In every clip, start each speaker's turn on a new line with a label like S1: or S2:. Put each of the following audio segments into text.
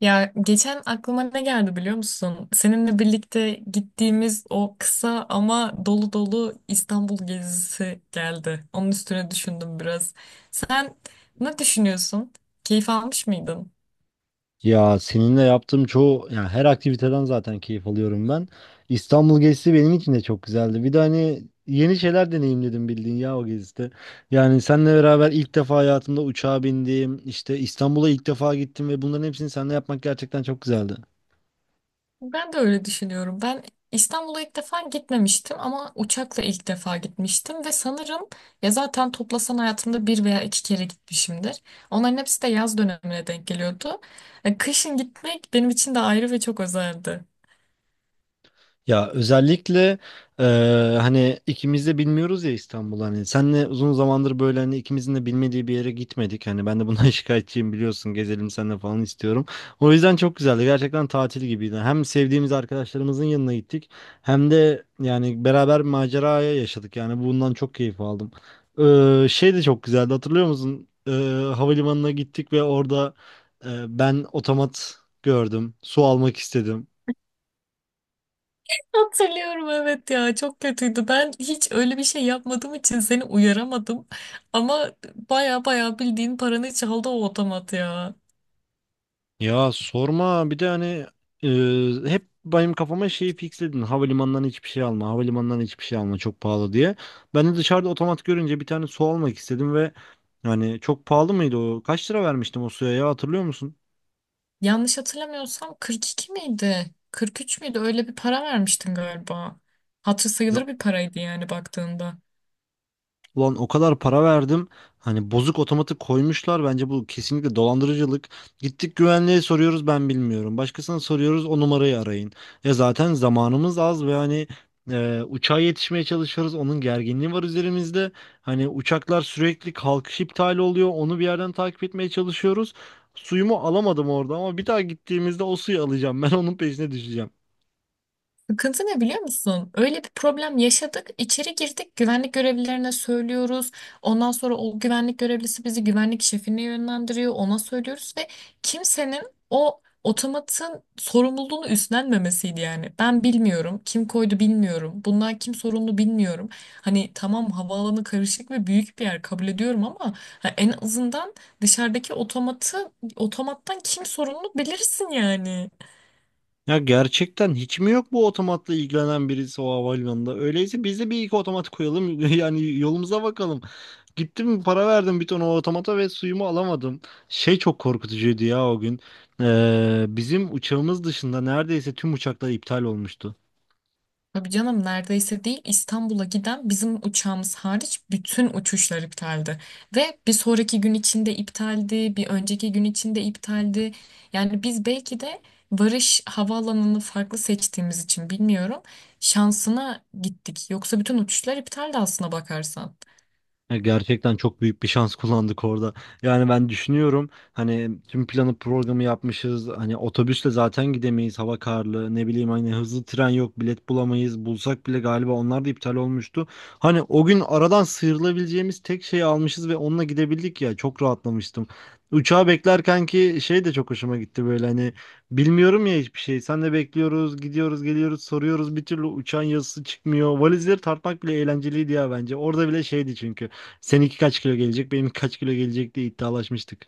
S1: Ya geçen aklıma ne geldi biliyor musun? Seninle birlikte gittiğimiz o kısa ama dolu dolu İstanbul gezisi geldi. Onun üstüne düşündüm biraz. Sen ne düşünüyorsun? Keyif almış mıydın?
S2: Ya seninle yaptığım çoğu her aktiviteden zaten keyif alıyorum ben. İstanbul gezisi benim için de çok güzeldi. Bir de hani yeni şeyler deneyimledim bildiğin ya o gezide. Yani seninle beraber ilk defa hayatımda uçağa bindim. İşte İstanbul'a ilk defa gittim ve bunların hepsini seninle yapmak gerçekten çok güzeldi.
S1: Ben de öyle düşünüyorum. Ben İstanbul'a ilk defa gitmemiştim ama uçakla ilk defa gitmiştim ve sanırım ya zaten toplasan hayatımda bir veya iki kere gitmişimdir. Onların hepsi de yaz dönemine denk geliyordu. Kışın gitmek benim için de ayrı ve çok özeldi.
S2: Ya özellikle e, hani ikimiz de bilmiyoruz ya İstanbul, hani senle uzun zamandır böyle hani ikimizin de bilmediği bir yere gitmedik. Hani ben de bundan şikayetçiyim, biliyorsun, gezelim seninle falan istiyorum. O yüzden çok güzeldi, gerçekten tatil gibiydi. Hem sevdiğimiz arkadaşlarımızın yanına gittik, hem de yani beraber bir maceraya yaşadık, yani bundan çok keyif aldım. Şey de çok güzeldi, hatırlıyor musun? Havalimanına gittik ve orada ben otomat gördüm, su almak istedim.
S1: Hatırlıyorum, evet ya, çok kötüydü. Ben hiç öyle bir şey yapmadığım için seni uyaramadım. Ama baya baya bildiğin paranı çaldı o otomat ya.
S2: Ya sorma, bir de hani hep benim kafama şeyi fixledin. Havalimanından hiçbir şey alma, havalimanından hiçbir şey alma çok pahalı diye. Ben de dışarıda otomat görünce bir tane su almak istedim ve yani çok pahalı mıydı o? Kaç lira vermiştim o suya ya, hatırlıyor musun?
S1: Yanlış hatırlamıyorsam 42 miydi? 43 müydü? Öyle bir para vermiştin galiba. Hatırı
S2: Ya.
S1: sayılır bir paraydı yani baktığında.
S2: Ulan o kadar para verdim. Hani bozuk otomatik koymuşlar. Bence bu kesinlikle dolandırıcılık. Gittik güvenliğe soruyoruz, ben bilmiyorum. Başkasına soruyoruz, o numarayı arayın. Ya zaten zamanımız az ve hani uçağa yetişmeye çalışıyoruz. Onun gerginliği var üzerimizde. Hani uçaklar sürekli kalkış iptali oluyor. Onu bir yerden takip etmeye çalışıyoruz. Suyumu alamadım orada ama bir daha gittiğimizde o suyu alacağım. Ben onun peşine düşeceğim.
S1: Sıkıntı ne biliyor musun? Öyle bir problem yaşadık. İçeri girdik, güvenlik görevlilerine söylüyoruz. Ondan sonra o güvenlik görevlisi bizi güvenlik şefine yönlendiriyor. Ona söylüyoruz ve kimsenin o otomatın sorumluluğunu üstlenmemesiydi yani. Ben bilmiyorum, kim koydu bilmiyorum. Bundan kim sorumlu bilmiyorum. Hani tamam, havaalanı karışık ve büyük bir yer, kabul ediyorum, ama ha, en azından dışarıdaki otomattan kim sorumlu bilirsin yani.
S2: Ya gerçekten hiç mi yok bu otomatla ilgilenen birisi o havalimanında? Öyleyse biz de bir iki otomat koyalım. Yani yolumuza bakalım. Gittim, para verdim bir ton o otomata ve suyumu alamadım. Şey çok korkutucuydu ya o gün. Bizim uçağımız dışında neredeyse tüm uçaklar iptal olmuştu.
S1: Tabii canım, neredeyse değil, İstanbul'a giden bizim uçağımız hariç bütün uçuşlar iptaldi. Ve bir sonraki gün içinde iptaldi, bir önceki gün içinde iptaldi. Yani biz belki de varış havaalanını farklı seçtiğimiz için bilmiyorum, şansına gittik. Yoksa bütün uçuşlar iptaldi aslına bakarsan.
S2: Ya gerçekten çok büyük bir şans kullandık orada. Yani ben düşünüyorum, hani tüm planı programı yapmışız. Hani otobüsle zaten gidemeyiz. Hava karlı. Ne bileyim, hani hızlı tren yok. Bilet bulamayız. Bulsak bile galiba onlar da iptal olmuştu. Hani o gün aradan sıyrılabileceğimiz tek şeyi almışız ve onunla gidebildik ya. Çok rahatlamıştım. Uçağı beklerken ki şey de çok hoşuma gitti, böyle hani bilmiyorum ya hiçbir şey. Sen de bekliyoruz, gidiyoruz, geliyoruz, soruyoruz. Bir türlü uçağın yazısı çıkmıyor. Valizleri tartmak bile eğlenceliydi ya bence. Orada bile şeydi çünkü. Seninki kaç kilo gelecek, benim kaç kilo gelecek diye iddialaşmıştık.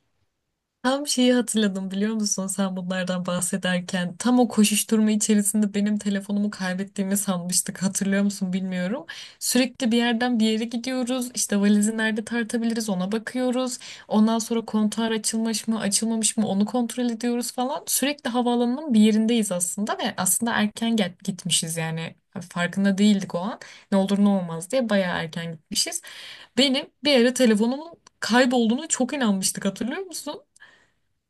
S1: Tam şeyi hatırladım biliyor musun, sen bunlardan bahsederken tam o koşuşturma içerisinde benim telefonumu kaybettiğimi sanmıştık, hatırlıyor musun bilmiyorum. Sürekli bir yerden bir yere gidiyoruz, işte valizi nerede tartabiliriz ona bakıyoruz, ondan sonra kontuar açılmış mı açılmamış mı onu kontrol ediyoruz falan, sürekli havaalanının bir yerindeyiz aslında ve aslında erken gitmişiz yani, farkında değildik o an, ne olur ne olmaz diye bayağı erken gitmişiz. Benim bir yere telefonumun kaybolduğunu çok inanmıştık, hatırlıyor musun?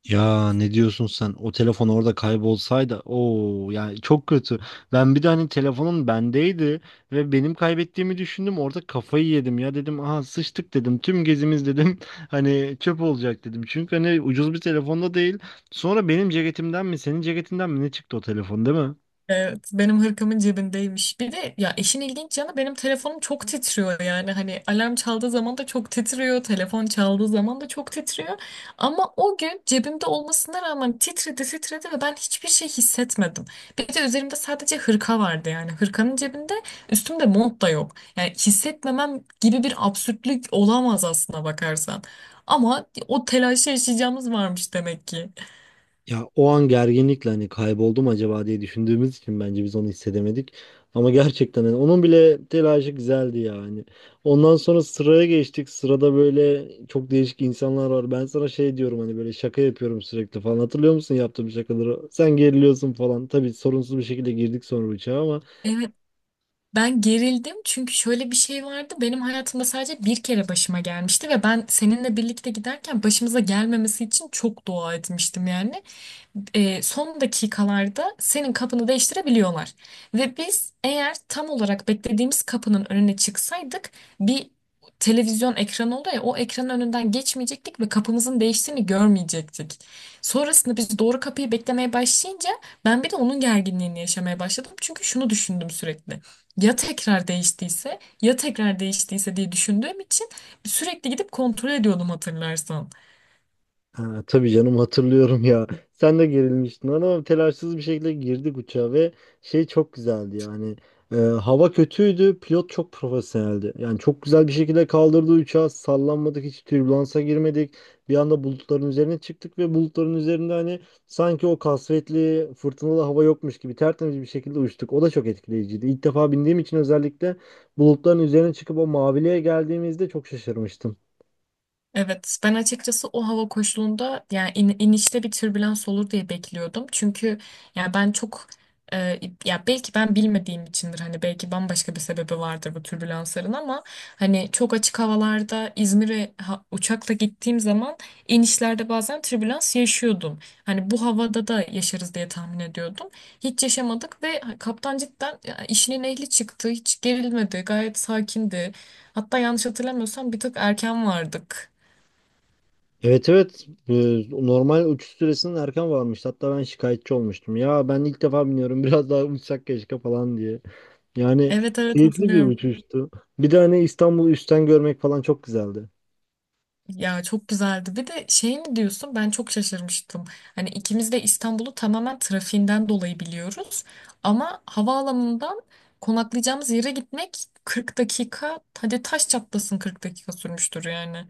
S2: Ya ne diyorsun sen? O telefon orada kaybolsaydı, o yani çok kötü. Ben bir de hani telefonun bendeydi ve benim kaybettiğimi düşündüm. Orada kafayı yedim ya, dedim. Aha sıçtık dedim. Tüm gezimiz dedim. Hani çöp olacak dedim. Çünkü hani ucuz bir telefonda değil. Sonra benim ceketimden mi, senin ceketinden mi ne çıktı o telefon, değil mi?
S1: Evet, benim hırkamın cebindeymiş. Bir de ya, işin ilginç yanı, benim telefonum çok titriyor, yani hani alarm çaldığı zaman da çok titriyor, telefon çaldığı zaman da çok titriyor. Ama o gün cebimde olmasına rağmen titredi titredi ve ben hiçbir şey hissetmedim. Bir de üzerimde sadece hırka vardı, yani hırkanın cebinde, üstümde mont da yok. Yani hissetmemem gibi bir absürtlük olamaz aslına bakarsan. Ama o telaşı yaşayacağımız varmış demek ki.
S2: Ya o an gerginlikle hani kayboldum acaba diye düşündüğümüz için bence biz onu hissedemedik. Ama gerçekten hani onun bile telaşı güzeldi yani. Ondan sonra sıraya geçtik. Sırada böyle çok değişik insanlar var. Ben sana şey diyorum, hani böyle şaka yapıyorum sürekli falan. Hatırlıyor musun yaptığım şakaları? Sen geriliyorsun falan. Tabii sorunsuz bir şekilde girdik sonra uçağa ama
S1: Ben gerildim çünkü şöyle bir şey vardı. Benim hayatımda sadece bir kere başıma gelmişti ve ben seninle birlikte giderken başımıza gelmemesi için çok dua etmiştim, yani son dakikalarda senin kapını değiştirebiliyorlar. Ve biz eğer tam olarak beklediğimiz kapının önüne çıksaydık, bir televizyon ekranı oluyor ya, o ekranın önünden geçmeyecektik ve kapımızın değiştiğini görmeyecektik. Sonrasında biz doğru kapıyı beklemeye başlayınca ben bir de onun gerginliğini yaşamaya başladım. Çünkü şunu düşündüm sürekli. Ya tekrar değiştiyse, ya tekrar değiştiyse diye düşündüğüm için sürekli gidip kontrol ediyordum, hatırlarsan.
S2: ha, tabii canım, hatırlıyorum ya. Sen de gerilmiştin ama telaşsız bir şekilde girdik uçağa ve şey çok güzeldi yani. Hava kötüydü, pilot çok profesyoneldi. Yani çok güzel bir şekilde kaldırdı uçağı, sallanmadık, hiç türbülansa girmedik. Bir anda bulutların üzerine çıktık ve bulutların üzerinde hani sanki o kasvetli, fırtınalı hava yokmuş gibi tertemiz bir şekilde uçtuk. O da çok etkileyiciydi. İlk defa bindiğim için özellikle bulutların üzerine çıkıp o maviliğe geldiğimizde çok şaşırmıştım.
S1: Evet, ben açıkçası o hava koşulunda yani inişte bir türbülans olur diye bekliyordum. Çünkü yani ben çok e, ya belki ben bilmediğim içindir, hani belki bambaşka bir sebebi vardır bu türbülansların, ama hani çok açık havalarda İzmir'e uçakla gittiğim zaman inişlerde bazen türbülans yaşıyordum. Hani bu havada da yaşarız diye tahmin ediyordum. Hiç yaşamadık ve kaptan cidden ya, işinin ehli çıktı. Hiç gerilmedi. Gayet sakindi. Hatta yanlış hatırlamıyorsam bir tık erken vardık.
S2: Evet, evet. Normal uçuş süresinin erken varmış. Hatta ben şikayetçi olmuştum. Ya ben ilk defa biniyorum, biraz daha uçsak keşke falan diye. Yani
S1: Evet, evet,
S2: keyifli bir
S1: hatırlıyorum.
S2: uçuştu. Bir de hani İstanbul'u üstten görmek falan çok güzeldi.
S1: Ya çok güzeldi. Bir de şey mi diyorsun? Ben çok şaşırmıştım. Hani ikimiz de İstanbul'u tamamen trafiğinden dolayı biliyoruz. Ama havaalanından konaklayacağımız yere gitmek 40 dakika, hadi taş çatlasın 40 dakika sürmüştür yani.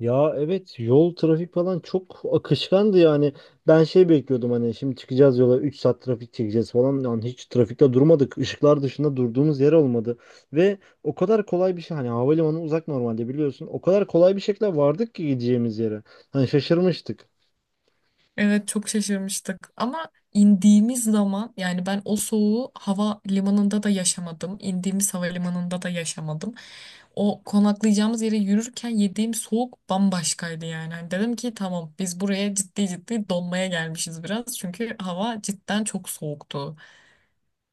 S2: Ya evet, yol trafik falan çok akışkandı yani. Ben şey bekliyordum, hani şimdi çıkacağız yola 3 saat trafik çekeceğiz falan. Yani hiç trafikte durmadık. Işıklar dışında durduğumuz yer olmadı. Ve o kadar kolay bir şey, hani havalimanı uzak normalde, biliyorsun. O kadar kolay bir şekilde vardık ki gideceğimiz yere. Hani şaşırmıştık.
S1: Evet, çok şaşırmıştık. Ama indiğimiz zaman yani ben o soğuğu hava limanında da yaşamadım, indiğimiz havalimanında da yaşamadım. O konaklayacağımız yere yürürken yediğim soğuk bambaşkaydı yani. Hani dedim ki tamam, biz buraya ciddi ciddi donmaya gelmişiz biraz. Çünkü hava cidden çok soğuktu.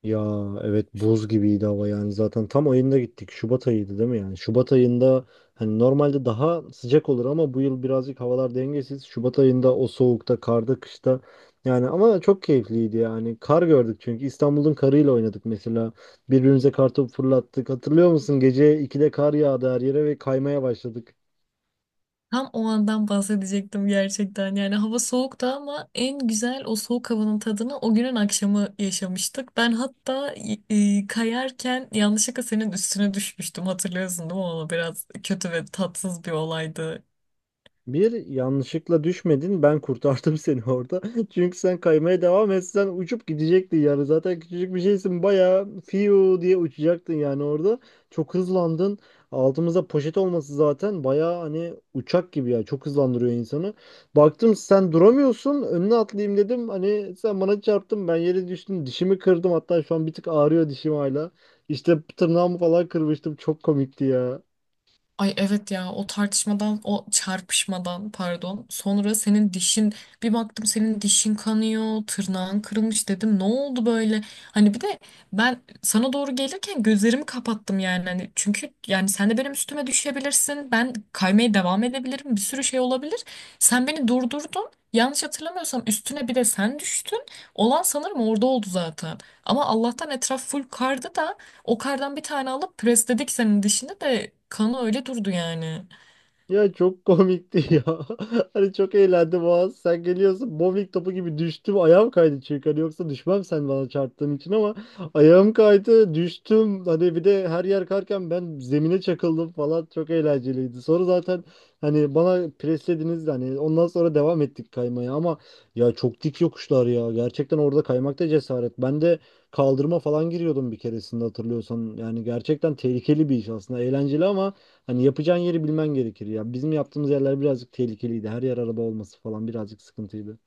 S2: Ya evet buz gibiydi hava, yani zaten tam ayında gittik. Şubat ayıydı değil mi yani? Şubat ayında hani normalde daha sıcak olur ama bu yıl birazcık havalar dengesiz. Şubat ayında o soğukta, karda, kışta, yani ama çok keyifliydi yani. Kar gördük çünkü, İstanbul'un karıyla oynadık mesela. Birbirimize kartopu fırlattık. Hatırlıyor musun? Gece 2'de kar yağdı her yere ve kaymaya başladık.
S1: Tam o andan bahsedecektim gerçekten. Yani hava soğuktu ama en güzel o soğuk havanın tadını o günün akşamı yaşamıştık. Ben hatta kayarken yanlışlıkla senin üstüne düşmüştüm. Hatırlıyorsun değil mi onu? Biraz kötü ve tatsız bir olaydı.
S2: Bir yanlışlıkla düşmedin. Ben kurtardım seni orada. Çünkü sen kaymaya devam etsen uçup gidecektin yani. Zaten küçücük bir şeysin. Bayağı fiu diye uçacaktın yani orada. Çok hızlandın. Altımızda poşet olması zaten bayağı hani uçak gibi ya. Çok hızlandırıyor insanı. Baktım sen duramıyorsun. Önüne atlayayım dedim. Hani sen bana çarptın. Ben yere düştüm. Dişimi kırdım. Hatta şu an bir tık ağrıyor dişim hala. İşte tırnağımı falan kırmıştım. Çok komikti ya.
S1: Ay evet ya, o tartışmadan, o çarpışmadan pardon sonra senin dişin, bir baktım senin dişin kanıyor, tırnağın kırılmış, dedim ne oldu böyle. Hani bir de ben sana doğru gelirken gözlerimi kapattım, yani hani çünkü yani sen de benim üstüme düşebilirsin, ben kaymaya devam edebilirim, bir sürü şey olabilir. Sen beni durdurdun, yanlış hatırlamıyorsam üstüne bir de sen düştün, olan sanırım orada oldu zaten. Ama Allah'tan etraf full kardı da o kardan bir tane alıp presledik senin dişini, de kanı öyle durdu yani.
S2: Ya çok komikti ya. Hani çok eğlendim o an. Sen geliyorsun bowling topu gibi düştüm. Ayağım kaydı çünkü. Hani yoksa düşmem sen bana çarptığın için ama ayağım kaydı, düştüm. Hani bir de her yer karken ben zemine çakıldım falan. Çok eğlenceliydi. Sonra zaten hani bana preslediniz de hani ondan sonra devam ettik kaymaya ama ya çok dik yokuşlar ya. Gerçekten orada kaymakta cesaret. Ben de kaldırıma falan giriyordum bir keresinde, hatırlıyorsan. Yani gerçekten tehlikeli bir iş aslında. Eğlenceli ama hani yapacağın yeri bilmen gerekir ya. Bizim yaptığımız yerler birazcık tehlikeliydi. Her yer araba olması falan birazcık sıkıntıydı.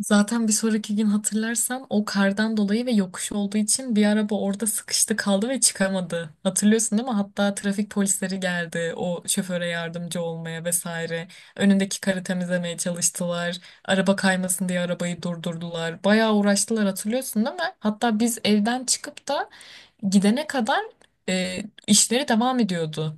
S1: Zaten bir sonraki gün hatırlarsan, o kardan dolayı ve yokuş olduğu için bir araba orada sıkıştı kaldı ve çıkamadı. Hatırlıyorsun değil mi? Hatta trafik polisleri geldi o şoföre yardımcı olmaya vesaire. Önündeki karı temizlemeye çalıştılar. Araba kaymasın diye arabayı durdurdular. Bayağı uğraştılar, hatırlıyorsun değil mi? Hatta biz evden çıkıp da gidene kadar e, işleri devam ediyordu.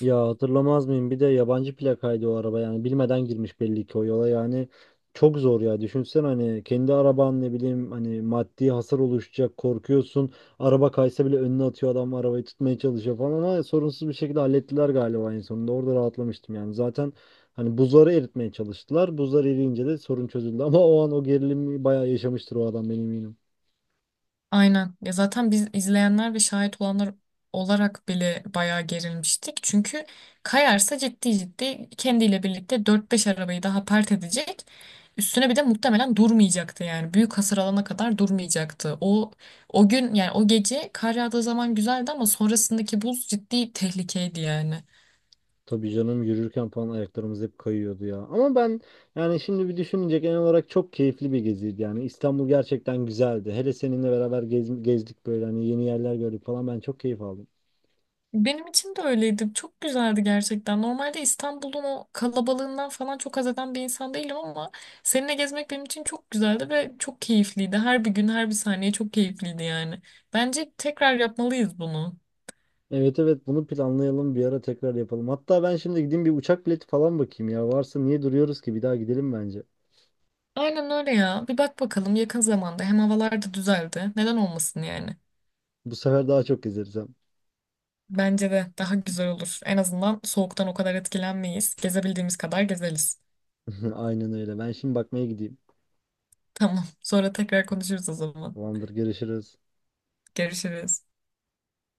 S2: Ya hatırlamaz mıyım? Bir de yabancı plakaydı o araba yani. Bilmeden girmiş belli ki o yola yani. Çok zor ya. Düşünsen hani kendi araban, ne bileyim hani maddi hasar oluşacak, korkuyorsun. Araba kaysa bile önüne atıyor adam, arabayı tutmaya çalışıyor falan ama sorunsuz bir şekilde hallettiler galiba en sonunda. Orada rahatlamıştım yani. Zaten hani buzları eritmeye çalıştılar. Buzlar eriyince de sorun çözüldü ama o an o gerilimi bayağı yaşamıştır o adam, benim eminim.
S1: Aynen. Ya zaten biz izleyenler ve şahit olanlar olarak bile bayağı gerilmiştik. Çünkü kayarsa ciddi ciddi kendiyle birlikte dört beş arabayı daha pert edecek. Üstüne bir de muhtemelen durmayacaktı yani. Büyük hasar alana kadar durmayacaktı. O gün yani o gece kar yağdığı zaman güzeldi ama sonrasındaki buz ciddi tehlikeydi yani.
S2: Tabii canım, yürürken falan ayaklarımız hep kayıyordu ya. Ama ben yani şimdi bir düşününce genel olarak çok keyifli bir geziydi yani. İstanbul gerçekten güzeldi. Hele seninle beraber gezdik böyle hani, yeni yerler gördük falan, ben çok keyif aldım.
S1: Benim için de öyleydi. Çok güzeldi gerçekten. Normalde İstanbul'un o kalabalığından falan çok haz eden bir insan değilim ama seninle gezmek benim için çok güzeldi ve çok keyifliydi. Her bir gün, her bir saniye çok keyifliydi yani. Bence tekrar yapmalıyız bunu.
S2: Evet, evet, bunu planlayalım bir ara, tekrar yapalım. Hatta ben şimdi gideyim bir uçak bileti falan bakayım ya. Varsa niye duruyoruz ki, bir daha gidelim bence.
S1: Aynen öyle ya. Bir bak bakalım yakın zamanda. Hem havalar da düzeldi. Neden olmasın yani?
S2: Bu sefer daha çok gezeriz hem.
S1: Bence de daha güzel olur. En azından soğuktan o kadar etkilenmeyiz. Gezebildiğimiz kadar gezeriz.
S2: Aynen öyle. Ben şimdi bakmaya gideyim.
S1: Tamam. Sonra tekrar konuşuruz o zaman.
S2: Tamamdır, görüşürüz.
S1: Görüşürüz.